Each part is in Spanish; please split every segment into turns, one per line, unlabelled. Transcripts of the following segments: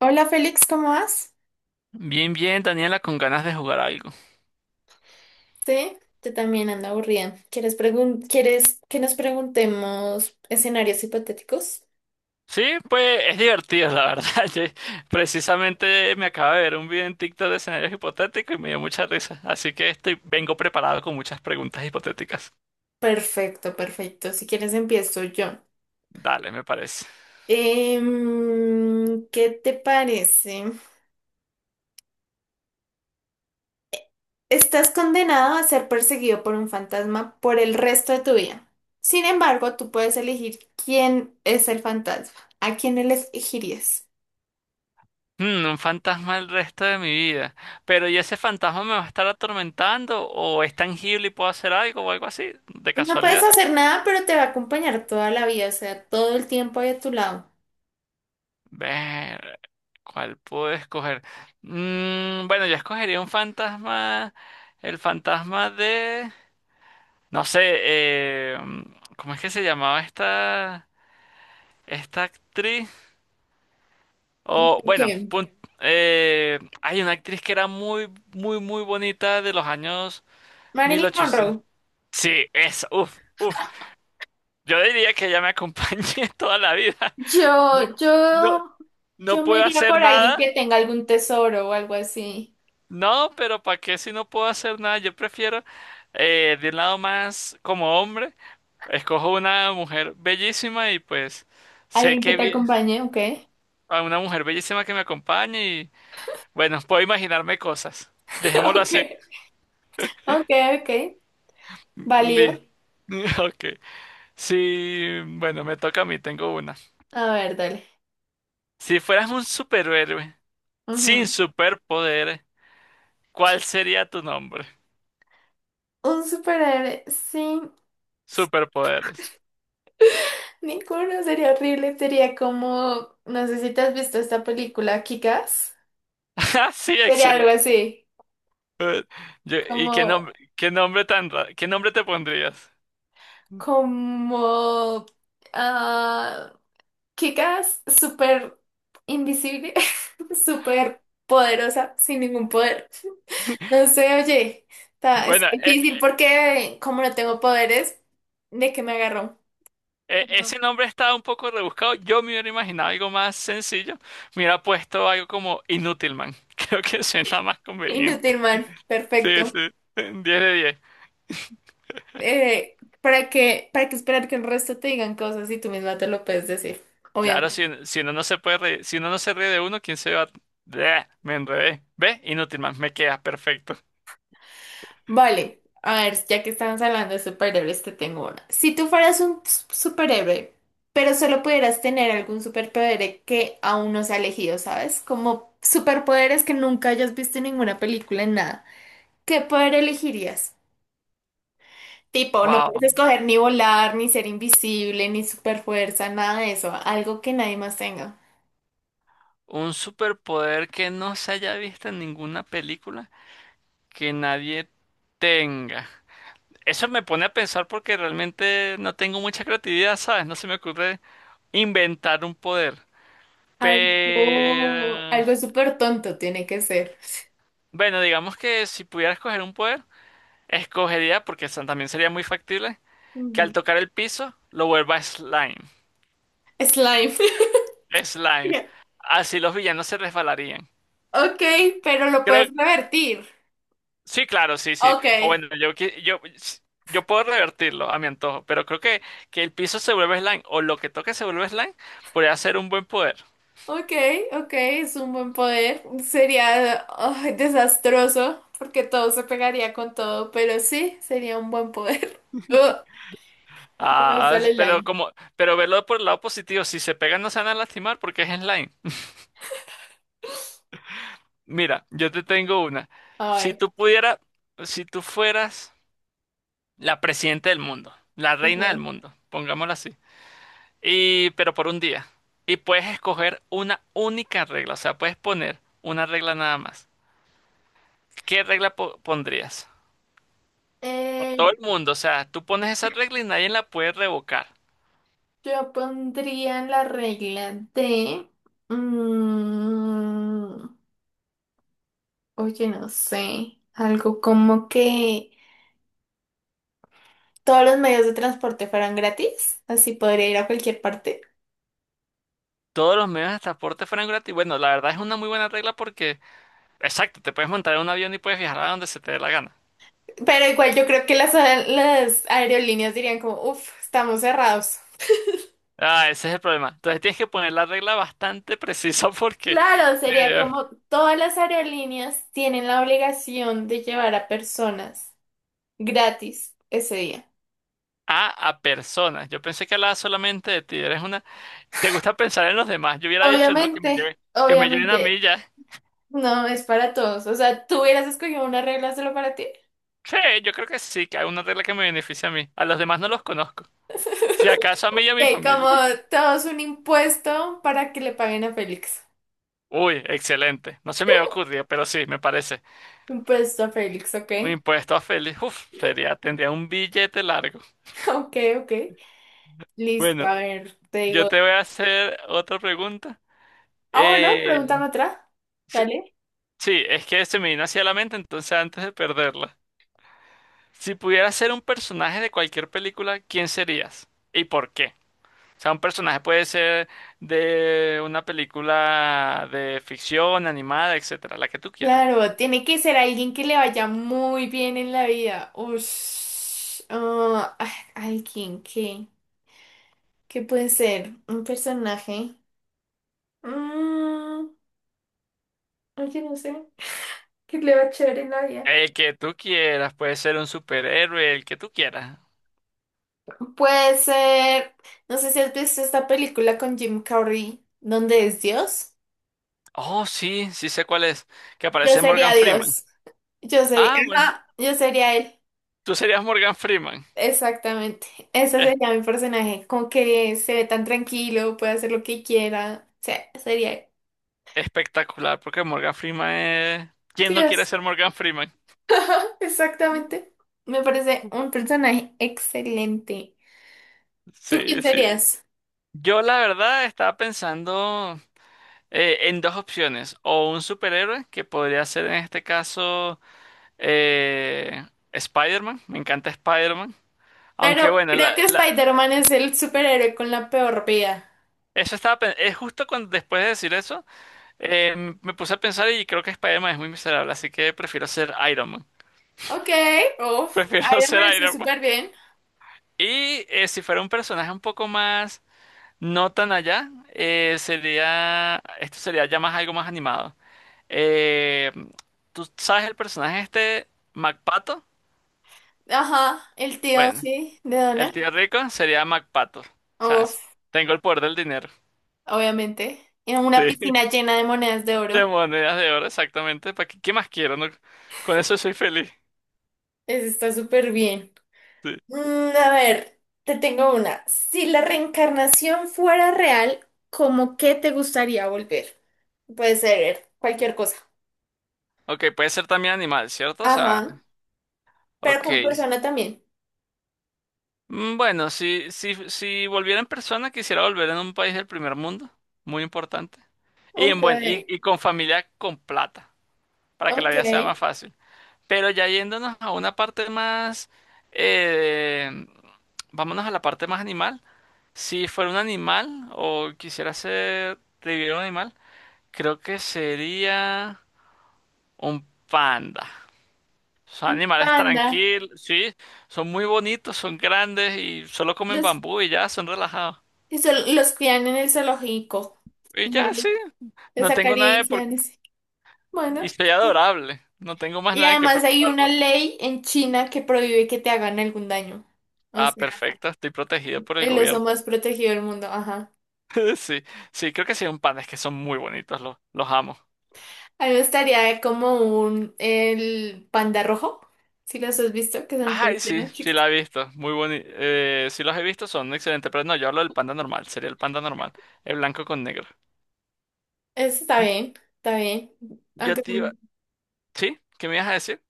Hola Félix, ¿cómo vas?
Bien, bien, Daniela, con ganas de jugar algo.
Sí, yo también ando aburrida. Quieres que nos preguntemos escenarios hipotéticos?
Sí, pues es divertido, la verdad. Yo- precisamente me acabo de ver un video en TikTok de escenarios hipotéticos y me dio mucha risa. Así que estoy, vengo preparado con muchas preguntas hipotéticas.
Perfecto, perfecto. Si quieres empiezo yo.
Dale, me parece.
¿Qué te parece? Estás condenado a ser perseguido por un fantasma por el resto de tu vida. Sin embargo, tú puedes elegir quién es el fantasma. ¿A quién elegirías?
Un fantasma el resto de mi vida. Pero ¿y ese fantasma me va a estar atormentando? ¿O es tangible y puedo hacer algo o algo así? ¿De
No puedes
casualidad?
hacer nada, pero te va a acompañar toda la vida, o sea, todo el tiempo ahí a tu lado.
Ver, ¿cuál puedo escoger? Bueno, yo escogería un fantasma, el fantasma de, no sé, ¿cómo es que se llamaba esta, esta actriz? O bueno,
Ok.
hay una actriz que era muy, muy, muy bonita de los años mil
Marilyn
ochocientos
Monroe.
Sí, esa, uf, uf. Yo diría que ella me acompañe toda la vida. No,
Yo,
no,
yo,
no
yo me
puedo
iría
hacer
por alguien
nada.
que tenga algún tesoro o algo así.
No, pero ¿para qué si no puedo hacer nada? Yo prefiero, de un lado más como hombre, escojo una mujer bellísima y pues sé
Alguien que
que
te
bien,
acompañe, ok.
a una mujer bellísima que me acompañe y bueno, puedo imaginarme cosas. Dejémoslo
Ok.
así.
Ok, ok. Válido.
Li- Ok. Sí, bueno, me toca a mí, tengo una.
A ver, dale.
Si fueras un superhéroe sin
Ujú.
superpoderes, ¿cuál sería tu nombre?
Un superhéroe sin
Superpoderes.
ninguno sería horrible. Sería como, no sé si te has visto esta película, Kick-Ass.
Ah, sí,
Sería algo
excelente.
así.
Eh, ¿Y
Como,
qué nombre, qué nombre te pondrías?
como, ah, Kikas, súper invisible, súper poderosa, sin ningún poder. No sé, oye, es
Bueno,
difícil porque como no tengo poderes, ¿de qué me agarró? Como
ese nombre está un poco rebuscado. Yo me hubiera imaginado algo más sencillo. Me hubiera puesto algo como Inútilman. Creo que suena más conveniente.
Inútil, man.
Sí,
Perfecto.
sí. 10 de 10.
Eh, para qué esperar que el resto te digan cosas si tú misma te lo puedes decir?
Claro, si uno si uno no se ríe de uno, ¿quién se va a...? Bleh, me enredé. ¿Ve? Inútilman, me queda perfecto.
Vale, a ver, ya que estamos hablando de superhéroes, te tengo una. Si tú fueras un superhéroe, pero solo pudieras tener algún superpoder que aún no se ha elegido, ¿sabes? Como superpoderes que nunca hayas visto en ninguna película, en nada. ¿Qué poder elegirías? Tipo, no
Wow.
puedes escoger ni volar, ni ser invisible, ni superfuerza, nada de eso. Algo que nadie más tenga.
Un superpoder que no se haya visto en ninguna película, que nadie tenga. Eso me pone a pensar porque realmente no tengo mucha creatividad, ¿sabes? No se me ocurre inventar un poder. Pero
Algo súper tonto tiene que ser.
bueno, digamos que si pudiera escoger un poder, escogería, porque eso también sería muy factible, que al
Ujú.
tocar el piso lo vuelva slime.
Slime.
Slime. Así los villanos se resbalarían.
Ok, pero lo puedes
Creo,
revertir.
sí, claro, sí, sí.
Ok,
O bueno, yo puedo revertirlo a mi antojo, pero creo que el piso se vuelve slime o lo que toque se vuelve slime podría ser un buen poder.
ok, ok, es un buen poder. Sería ay, desastroso porque todo se pegaría con todo, pero sí, sería un buen poder. Uh, no me
Ah,
gusta el
pero
slime.
como, pero verlo por el lado positivo, si se pegan no se van a lastimar porque es slime. Mira, yo te tengo una. Si
Ay,
tú pudieras, si tú fueras la presidenta del mundo, la reina del
ok.
mundo, pongámoslo así, y pero por un día, y puedes escoger una única regla, o sea, puedes poner una regla nada más. Pondrías?
Eh,
Todo el mundo, o sea, tú pones esa regla y nadie la puede revocar.
yo pondría en la regla de... mm, oye, no sé. Algo como que todos los medios de transporte fueran gratis, así podría ir a cualquier parte.
Todos los medios de transporte fueran gratis. Bueno, la verdad es una muy buena regla porque... Exacto, te puedes montar en un avión y puedes viajar a donde se te dé la gana.
Pero igual yo creo que las aerolíneas dirían como, uff, estamos cerrados.
Ah, ese es el problema. Entonces tienes que poner la regla bastante precisa porque
Claro, sería
eh,
como todas las aerolíneas tienen la obligación de llevar a personas gratis ese día.
a personas. Yo pensé que hablaba solamente de ti. Eres una. Te gusta pensar en los demás. Yo hubiera dicho, no,
Obviamente,
que me lleven a
obviamente,
mí ya.
no es para todos. O sea, tú hubieras escogido una regla solo para ti.
Sí, yo creo que sí, que hay una regla que me beneficia a mí. A los demás no los conozco. Si acaso a mí y a mi
Que como
familia.
todos un impuesto para que le paguen a Félix.
Uy, excelente. No se me ocurrió, pero sí, me parece.
Impuesto a Félix, ¿ok?
Un impuesto a Félix. Uf, sería, tendría un billete largo.
Ok, ok. Listo, a
Bueno,
ver, te
yo
digo.
te voy a hacer otra pregunta.
Ah, bueno,
Eh,
pregúntame otra.
sí,
Dale.
sí, es que se me vino hacia la mente, entonces antes de perderla. Si pudieras ser un personaje de cualquier película, ¿quién serías? ¿Y por qué? O sea, un personaje puede ser de una película de ficción, animada, etcétera, la que tú quieras.
Claro, tiene que ser alguien que le vaya muy bien en la vida. Ush, alguien que... ¿Qué puede ser? Un personaje. Mm, oye, no sé. ¿Qué le va a chévere en la vida?
El que tú quieras, puede ser un superhéroe, el que tú quieras.
Puede ser... No sé si has visto esta película con Jim Carrey, donde es Dios.
Oh, sí, sí sé cuál es, que
Yo
aparece
sería
Morgan Freeman.
Dios. Yo sería...
Ah, bueno,
Ajá, yo sería él.
tú serías Morgan Freeman.
Exactamente. Ese sería mi personaje, como que se ve tan tranquilo, puede hacer lo que quiera. O sea, sería
Espectacular, porque Morgan Freeman es... ¿Quién no quiere
Dios.
ser Morgan Freeman?
Exactamente. Me parece un personaje excelente. ¿Tú quién
Sí, sí.
serías?
Yo la verdad estaba pensando en dos opciones, o un superhéroe, que podría ser en este caso eh, Spider-Man, me encanta Spider-Man, aunque
Pero
bueno,
creo que Spider-Man es el superhéroe con la peor vida.
eso justo cuando, después de decir eso, me puse a pensar y creo que Spider-Man es muy miserable, así que prefiero ser Iron Man,
Ok, uf.
prefiero
Iron
ser
Man está
Iron Man.
súper bien.
Y si fuera un personaje un poco más... no tan allá, sería, esto sería ya más algo más animado. Eh, ¿Tú sabes el personaje este, MacPato?
Ajá, el tío,
Bueno,
sí, de
el
Donna.
tío rico sería MacPato, ¿sabes?
Uf,
Tengo el poder del dinero,
obviamente. En
sí,
una piscina llena de monedas de
de
oro.
monedas de oro, exactamente, ¿para qué, qué más quiero, no? Con eso soy feliz,
Ese está súper bien.
sí.
Mm, a ver, te tengo una. Si la reencarnación fuera real, ¿cómo qué te gustaría volver? Puede ser cualquier cosa.
Ok, puede ser también animal, ¿cierto? O sea,
Ajá. Pero
ok,
con persona también.
Bueno, si volviera en persona, quisiera volver en un país del primer mundo, muy importante. Y, en
Ok,
buen, y con familia con plata, para que la
ok.
vida sea más fácil. Pero ya yéndonos a una parte más, eh, vámonos a la parte más animal. Si fuera un animal o quisiera ser, vivir un animal, creo que sería un panda. Son
Un
animales
Panda.
tranquilos, sí, son muy bonitos, son grandes y solo comen
Los,
bambú y ya, son relajados.
eso- los crían en el zoológico.
Y
Y no
ya
le-
sí,
les
no tengo nada de por...
acarician. Ese.
Y
Bueno.
soy adorable, no tengo más
Y
nada de qué
además hay una
preocuparme.
ley en China que prohíbe que te hagan algún daño. O
Ah,
sea,
perfecto, estoy protegido por el
el oso
gobierno.
más protegido del mundo. Ajá.
Sí, sí, creo que sí, un pan, es que son muy bonitos, los amo.
A mí me gustaría como un el panda rojo, si los has visto, que son
Ay,
todos
sí,
llenos
sí
chiquitos.
la he visto, muy bonito. Sí los he visto, son excelentes, pero no, yo hablo del panda normal, sería el panda normal, el blanco con negro.
Eso está
Mm,
bien, está bien.
Yo
Aunque
te iba...
son-
¿sí? ¿Qué me ibas a decir?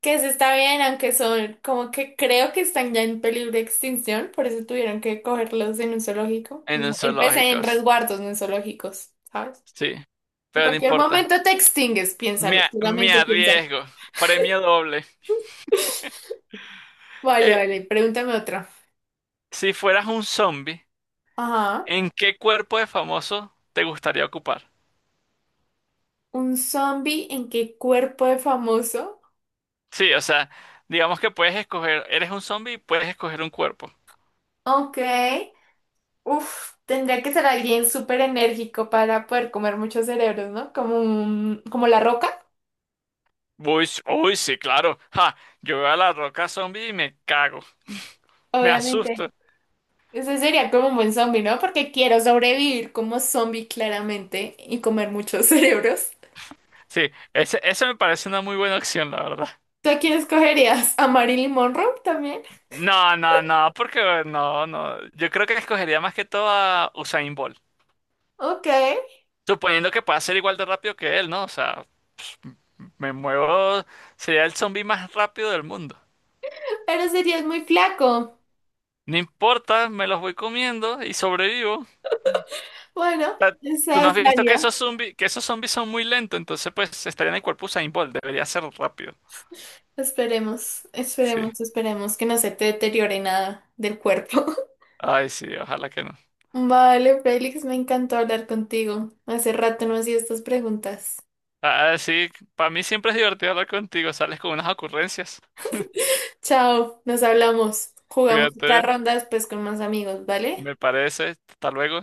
que eso está bien, aunque son como que creo que están ya en peligro de extinción, por eso tuvieron que cogerlos en un zoológico.
En el
Entonces
zoológico,
en resguardos, no en zoológicos, ¿sabes?
sí,
En
pero no
cualquier
importa,
momento te extingues, piénsalo,
me
solamente piénsalo.
arriesgo, premio doble.
Vale,
Eh,
vale, pregúntame otra.
si fueras un zombie,
Ajá.
¿en qué cuerpo de famoso te gustaría ocupar?
¿Un zombie en qué cuerpo de famoso?
Sí, o sea, digamos que puedes escoger, eres un zombie, y puedes escoger un cuerpo.
Ok. Uf, tendría que ser alguien súper enérgico para poder comer muchos cerebros, ¿no? Como como la roca,
Uy, sí, claro. Ja, yo veo a la roca zombie y me cago, me
obviamente.
asusto.
Ese sería como un buen zombie, ¿no? Porque quiero sobrevivir como zombie claramente y comer muchos cerebros.
Sí, ese, esa me parece una muy buena opción, la verdad.
¿Tú a quién escogerías? ¿A Marilyn Monroe también?
No, no, no, porque no, no. Yo creo que escogería más que todo a Usain Bolt.
Ok,
Suponiendo que pueda ser igual de rápido que él, ¿no? O sea, me muevo, sería el zombie más rápido del mundo.
pero serías muy flaco.
No importa, me los voy comiendo y sobrevivo.
Bueno,
Sea, tú
esa
no has
es
visto
válida.
que esos zombies son muy lentos, entonces pues estaría en el cuerpo Usain Bolt, debería ser rápido.
Esperemos,
Sí.
esperemos, esperemos que no se te deteriore nada del cuerpo.
Ay, sí, ojalá que no.
Vale, Félix, me encantó hablar contigo. Hace rato no hacía estas preguntas.
Ah, sí, para mí siempre es divertido hablar contigo, sales con unas ocurrencias.
Chao, nos hablamos. Jugamos otra
Cuídate,
ronda después con más amigos, ¿vale?
me parece. Hasta luego.